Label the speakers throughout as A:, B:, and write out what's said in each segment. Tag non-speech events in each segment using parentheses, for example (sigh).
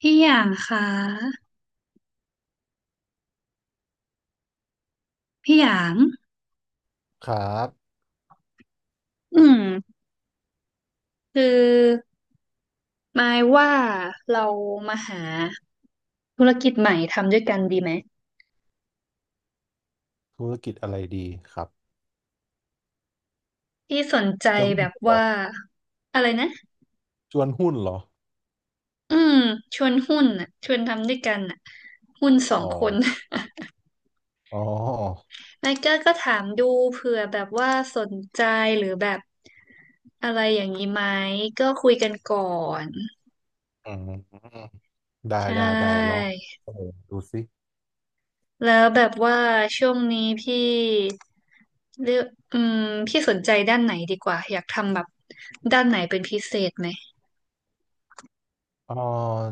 A: พี่หยางคะพี่หยาง
B: ครับ
A: อืมคือหมายว่าเรามาหาธุรกิจใหม่ทำด้วยกันดีไหม
B: ธุรกิจอะไรดีครับ
A: พี่สนใจ
B: จะหุ้
A: แบ
B: น
A: บ
B: เหรอ
A: ว่าอะไรนะ
B: ชวนหุ้นเหรอ
A: อืมชวนหุ้นอ่ะชวนทำด้วยกันอ่ะหุ้นสอ
B: อ๋
A: ง
B: อ
A: คน
B: อ๋อ
A: (laughs) นายก็ถามดูเผื่อแบบว่าสนใจหรือแบบอะไรอย่างนี้ไหมก็คุยกันก่อน
B: อืมได้
A: ใช่
B: ได้ได้ลองเสนอดูสิ
A: แล้วแบบว่าช่วงนี้พี่เลือกอืมพี่สนใจด้านไหนดีกว่าอยากทำแบบด้านไหนเป็นพิเศษไหม
B: เอ๋อ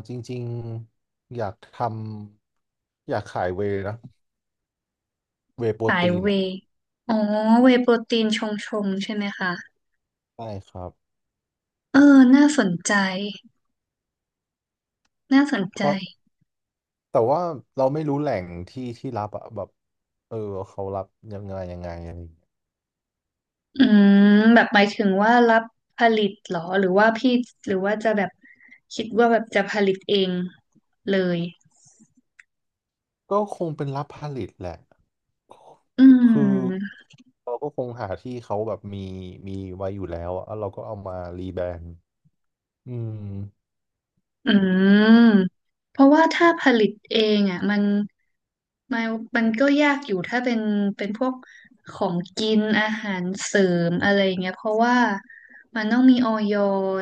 B: จริงๆ อยากทำ อยากขายเวย์นะ เวย์โปร
A: สาย
B: ตีน
A: เว
B: อ่ะ
A: ย์อ๋อเวย์โปรตีนชงใช่ไหมคะ
B: ใช่ครับ
A: เออน่าสนใจน่าสนใจ
B: เพราะแต่ว่าเราไม่รู้แหล่งที่ที่รับอะแบบเออ เขารับยังไงยังไงอะไรอย่างเงี้ย
A: อืมแบบหมายถึงว่ารับผลิตเหรอหรือว่าพี่หรือว่าจะแบบคิดว่าแบบจะผลิตเองเลย
B: ก็คงเป็นรับผลิตแหละ
A: อื
B: คือ
A: ม
B: เราก็คงหาที่เขาแบบมีไว้อยู่แล้วอะแล้วเราก็เอามารีแบรนด์อืม
A: อืมเพราะว่าถ้าผลิตเองอ่ะมัน ไมันมันก็ยากอยู่ถ้าเป็นพวกของกินอาหารเสริมอะไรเงี้ยเพราะว่ามันต้องมีออย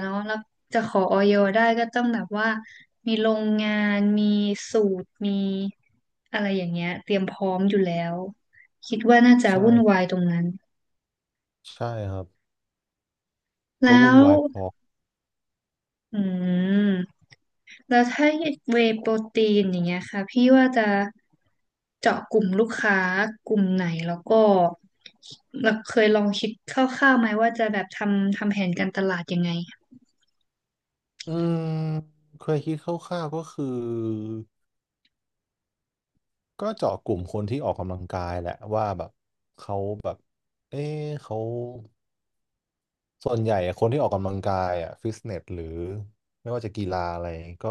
A: เนาะแล้วจะขอออยได้ก็ต้องแบบว่ามีโรงงานมีสูตรมีอะไรอย่างเงี้ยเตรียมพร้อมอยู่แล้วคิดว่าน่าจะวุ่นวา
B: ใช่
A: ยตรงนั้น
B: ใช่ครับ
A: แล้
B: ก็วุ่น
A: ว
B: วายพอ
A: อืม แล้วถ้าเวย์โปรตีนอย่างเงี้ยค่ะพี่ว่าจะเจาะกลุ่มลูกค้ากลุ่มไหนแล้วก็เราเคยลองคิดคร่าวๆไหมว่าจะแบบทำแผนการตลาดยังไง
B: อืมเคยคิดคร่าวๆก็คือก็เจาะกลุ่มคนที่ออกกำลังกายแหละว่าแบบเขาแบบเอ๊ะเขาส่วนใหญ่คนที่ออกกำลังกายอ่ะฟิตเนสหรือไม่ว่าจะกีฬาอะไรก็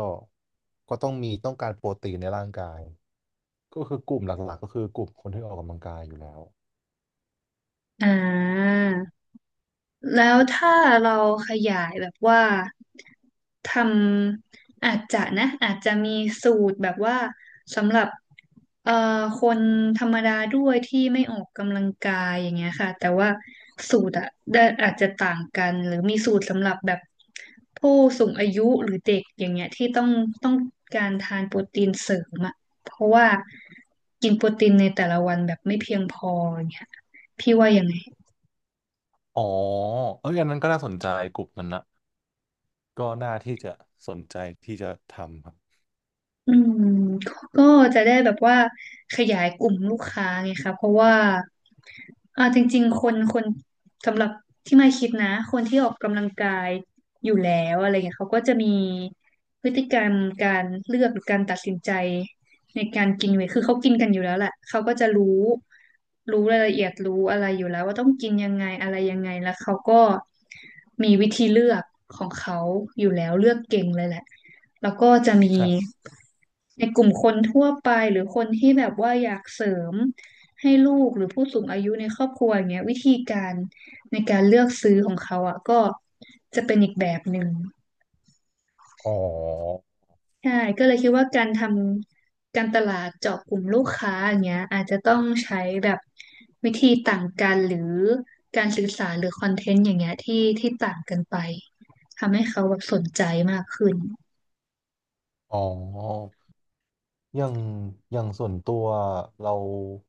B: ก็ต้องมีต้องการโปรตีนในร่างกาย ก็คือกลุ่มหลักๆก็คือกลุ่มคนที่ออกกำลังกายอยู่แล้ว
A: อ่า แล้วถ้าเราขยายแบบว่าทอาจจะนะอาจจะมีสูตรแบบว่าสำหรับเอ่อคนธรรมดาด้วยที่ไม่ออกกำลังกายอย่างเงี้ยค่ะแต่ว่าสูตรอะได้อาจจะต่างกันหรือมีสูตรสำหรับแบบผู้สูงอายุหรือเด็กอย่างเงี้ยที่ต้องการทานโปรตีนเสริมอะเพราะว่ากินโปรตีนในแต่ละวันแบบไม่เพียงพออย่างเงี้ยพี่ว่ายังไง
B: อ๋อเอ้ยอันนั้นก็น่าสนใจกลุ่มนั้นนะก็น่าที่จะสนใจที่จะทำครับ
A: อืมก็จะได้แบบว่าขยายกลุ่มลูกค้าไงคะเพราะว่าอ่าจริงๆคนสำหรับที่ไม่คิดนะคนที่ออกกำลังกายอยู่แล้วอะไรเงี้ยเขาก็จะมีพฤติกรรมการเลือกหรือการตัดสินใจในการกินเวทคือเขากินกันอยู่แล้วแหละเขาก็จะรู้รายละเอียดรู้อะไรอยู่แล้วว่าต้องกินยังไงอะไรยังไงแล้วเขาก็มีวิธีเลือกของเขาอยู่แล้วเลือกเก่งเลยแหละแล้วก็จะมี
B: ใช่
A: ในกลุ่มคนทั่วไปหรือคนที่แบบว่าอยากเสริมให้ลูกหรือผู้สูงอายุในครอบครัวอย่างเงี้ยวิธีการในการเลือกซื้อของเขาอ่ะก็จะเป็นอีกแบบหนึ่ง
B: อ๋อ
A: ใช่ก็เลยคิดว่าการทำการตลาดเจาะกลุ่มลูกค้าอย่างเงี้ยอาจจะต้องใช้แบบวิธีต่างกันหรือการสื่อสารหรือคอนเทนต์อย่างเงี้ยที่ต่างกันไปทำให้เขาแบบสนใจมากขึ้น
B: อ๋ออย่างอย่างส่วนตัวเรา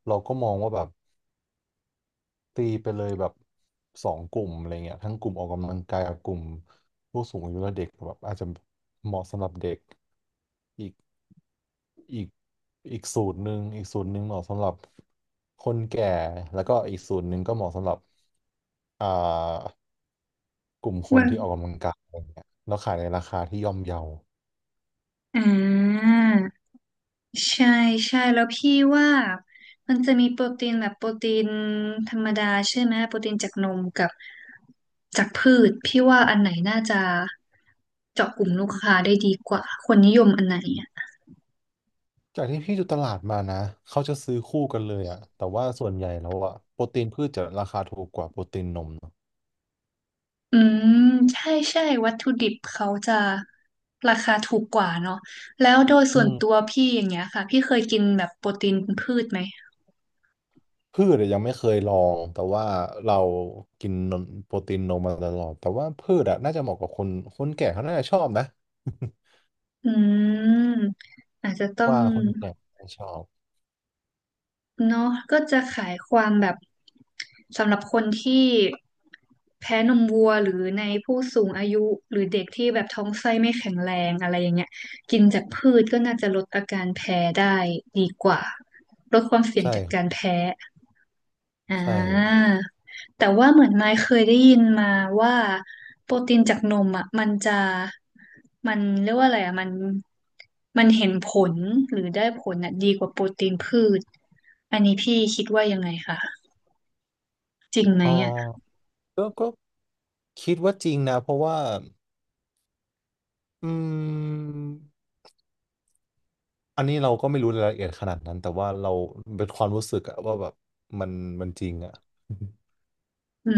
B: เราก็มองว่าแบบตีไปเลยแบบสองกลุ่มอะไรเงี้ยทั้งกลุ่มออกกำลังกายกับกลุ่มผู้สูงอายุและเด็กแบบอาจจะเหมาะสำหรับเด็กอีกอีกสูตรหนึ่งอีกสูตรหนึ่งเหมาะสำหรับคนแก่แล้วก็อีกสูตรหนึ่งก็เหมาะสำหรับ อ่ากลุ่มคน
A: ว่า
B: ที่ออกกำลังกายอะไรเงี้ยแล้วขายในราคาที่ย่อมเยา
A: อ่า ใช่ใช่แล้วพี่ว่ามันจะมีโปรตีนแบบโปรตีนธรรมดาใช่ไหมโปรตีนจากนมกับจากพืชพี่ว่าอันไหนน่าจะเจาะกลุ่มลูกค้าได้ดีกว่าคนนิยมอันไหนอ่ะ
B: จากที่พี่ดูตลาดมานะเขาจะซื้อคู่กันเลยอะแต่ว่าส่วนใหญ่แล้วอะโปรตีนพืชจะราคาถูกกว่าโปรตีนนมเนอะ
A: อืมใช่ใช่วัตถุดิบเขาจะราคาถูกกว่าเนาะแล้วโดย
B: อื
A: ส่วน
B: ม
A: ตัวพี่อย่างเงี้ยค่ะพี่เคยกินแบบโปรตีนพืชไหม
B: พืชอะยังไม่เคยลองแต่ว่าเรากินนมโปรตีนนมมาตลอดแต่ว่าพืชอะน่าจะเหมาะกับคนคนแก่เขาน่าจะชอบนะ
A: อืมอาจจะต้อ
B: (laughs)
A: ง
B: ว่าคนแก่ชอบ
A: เนาะก็จะขายความแบบสำหรับคนที่แพ้นมวัวหรือในผู้สูงอายุหรือเด็กที่แบบท้องไส้ไม่แข็งแรงอะไรอย่างเงี้ยกินจากพืชก็น่าจะลดอาการแพ้ได้ดีกว่าลดความเสี่ยง
B: ใช่
A: จาก
B: ครั
A: การ
B: บ
A: แพ้ อ่
B: ใช่
A: าแต่ว่าเหมือนไม้เคยได้ยินมาว่าโปรตีนจากนมอ่ะมันจะมันเรียกว่าอะไรอ่ะมันมันเห็นผลหรือได้ผลอ่ะดีกว่าโปรตีนพืชอันนี้พี่คิดว่ายังไงคะจริงไหม
B: อ๋อ
A: อ่ะ
B: ก็คิดว่าจริงนะเพราะว่าอืม อันนี้เราก็ไม่รู้รายละเอียดขนาดนั้นแต่ว่าเราเป็นความรู้สึกอะว่าแบบมันมันจริงอะ
A: อื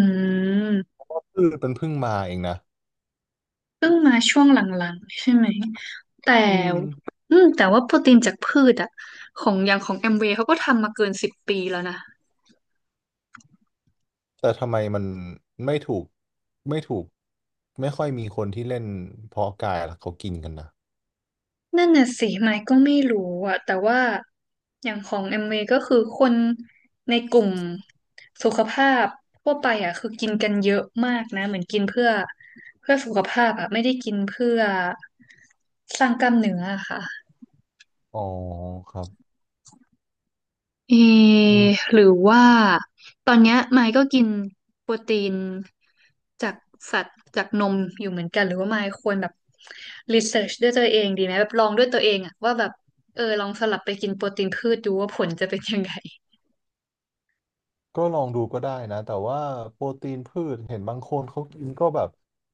A: ม
B: คือมันเพิ่งมาเองนะ
A: เพิ่งมาช่วงหลังๆใช่ไหมแต่
B: อืม
A: อืมแต่ว่าโปรตีนจากพืชอ่ะของอย่างของแอมเวย์เขาก็ทำมาเกิน10 ปีแล้วนะ
B: แต่ทำไมมันไม่ถูกไม่ถูกไม่ค่อยมีคนที่เล่นเพาะกายล่ะเขากินกันนะ
A: นั่นน่ะสิไมค์ก็ไม่รู้อะแต่ว่าอย่างของเอ็มวีก็คือคนในกลุ่มสุขภาพทั่วไปอะคือกินกันเยอะมากนะเหมือนกินเพื่อสุขภาพอะไม่ได้กินเพื่อสร้างกล้ามเนื้ออะค่ะ
B: อ๋อครับ
A: เอ
B: อืม
A: หรือว่าตอนเนี้ยไมค์ก็กินโปรตีนจากสัตว์จากนมอยู่เหมือนกันหรือว่าไมค์ควรแบบรีเสิร์ชด้วยตัวเองดีไหมแบบลองด้วยตัวเองอะว่าแบบเออลองสลับไปกินโปรตีนพืชดูว่าผลจะเป็นยังไง
B: ก็ลองดูก็ได้นะแต่ว่าโปรตีนพืชเห็นบางคนเขากินก็แบบ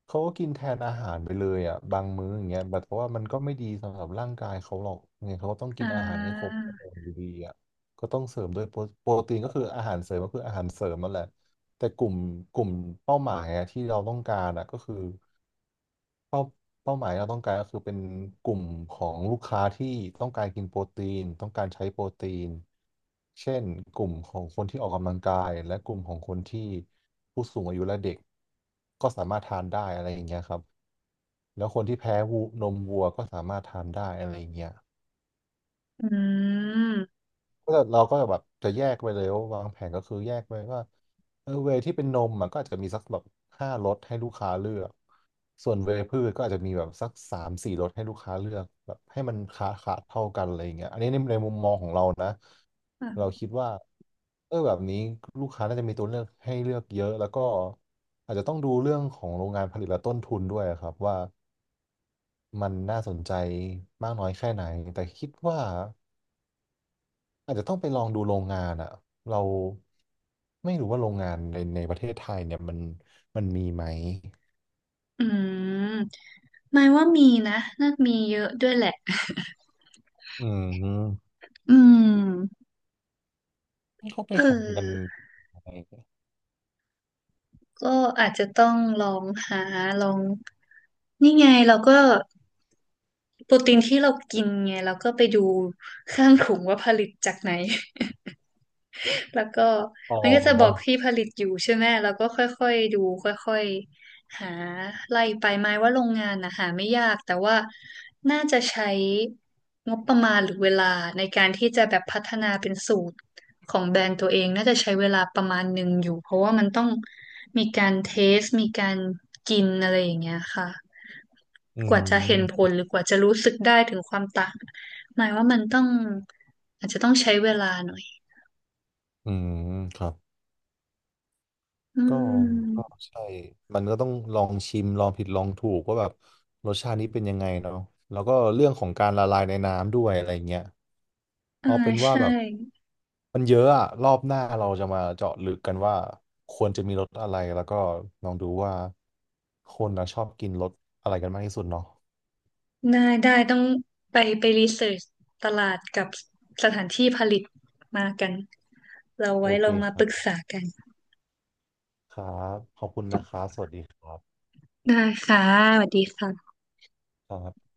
B: เขาก็กินแทนอาหารไปเลยอ่ะบางมื้ออย่างเงี้ยแบบเพราะว่ามันก็ไม่ดีสำหรับร่างกายเขาหรอกยังไงเขาก็ต้องกิ
A: อ่
B: นอาหารให้ครบ
A: า
B: อยู่ดีอ่ะก็ต้องเสริมด้วยโปรโปรตีนก็คืออาหารเสริมก็คืออาหารเสริมนั่นแหละแต่กลุ่มเป้าหมายอะที่เราต้องการอ่ะก็คือ เป้าเป้าหมายเราต้องการก็คือเป็นกลุ่มของลูกค้าที่ต้องการกินโปรตีนต้องการใช้โปรตีนเช่นกลุ่มของคนที่ออกกำลังกายและกลุ่มของคนที่ผู้สูงอายุและเด็กก็สามารถทานได้อะไรอย่างเงี้ยครับแล้วคนที่แพ้วูนมวัวก็สามารถทานได้อะไรอย่างเงี้ย
A: อืม
B: ก็เราก็แบบจะแยกไปเลยว่าวางแผนก็คือแยกไปว่าเออเวย์ที่เป็นนมมันก็อาจจะมีสักแบบ5 รสให้ลูกค้าเลือกส่วนเวย์พืชก็อาจจะมีแบบสัก3-4 รสให้ลูกค้าเลือกแบบให้มันขาดเท่ากันอะไรอย่างเงี้ยอันนี้ในในมุมมองของเรานะเรา
A: อ
B: คิดว่าเออแบบนี้ลูกค้าน่าจะมีตัวเลือกให้เลือกเยอะแล้วก็อาจจะต้องดูเรื่องของโรงงานผลิตและต้นทุนด้วยครับว่ามันน่าสนใจมากน้อยแค่ไหนแต่คิดว่า อาจจะต้องไปลองดูโรงงานอ่ะเราไม่รู้ว่าโรงงานในในประเทศไทยเนี่ยมันมีไหม
A: อืมไมค์ว่ามีนะน่ามีเยอะด้วยแหละ
B: อืม
A: อืม
B: ่เขาไป
A: เอ
B: หากัน
A: อ
B: อะไร
A: ก็อาจจะต้องลองหาลองนี่ไงเราก็ โปรตีนที่เรากินไงเราก็ไปดูข้างถุงว่าผลิตจากไหน (laughs) แล้วก็
B: อ๋
A: มันก็จะบอก
B: อ
A: ที่ผลิตอยู่ใช่ไหมเราก็ค่อยๆดูค่อยๆหาไล่ไปหมายว่าโรงงานนะหาไม่ยากแต่ว่าน่าจะใช้งบประมาณหรือเวลาในการที่จะแบบพัฒนาเป็นสูตรของแบรนด์ตัวเองน่าจะใช้เวลาประมาณหนึ่งอยู่เพราะว่ามันต้องมีการเทสมีการกินอะไรอย่างเงี้ยค่ะ
B: อื
A: กว่าจะเห็นผล
B: ม
A: หรือกว่าจะรู้สึกได้ถึงความต่างหมายว่ามันต้องอาจจะต้องใช้เวลาหน่อย
B: อืมครับ
A: อื
B: ก็ก็
A: ม
B: ใช่มันก็ต้องลองชิมลองผิดลองถูกว่าแบบรสชาตินี้เป็นยังไงเนาะแล้วก็เรื่องของการละลายในน้ำด้วยอะไรเงี้ย
A: อ่า
B: เอาเป็นว่า
A: ใช่
B: แบบมันเยอะอะรอบหน้าเราจะมาเจาะลึกกันว่าควรจะมีรสอะไรแล้วก็ลองดูว่าคนนะชอบกินรสอะไรกันมากที่สุดเนาะ
A: ได้ได้ต้องไปรีเสิร์ชตลาดกับสถานที่ผลิตมากันเรา
B: โอ
A: ไว้
B: เค
A: เรามา
B: ค
A: ป
B: รับ
A: รึกษากัน
B: ครับขอบคุณนะครับสวัสดีครับ
A: ได้ค่ะสวัสดีค่ะ
B: ครับ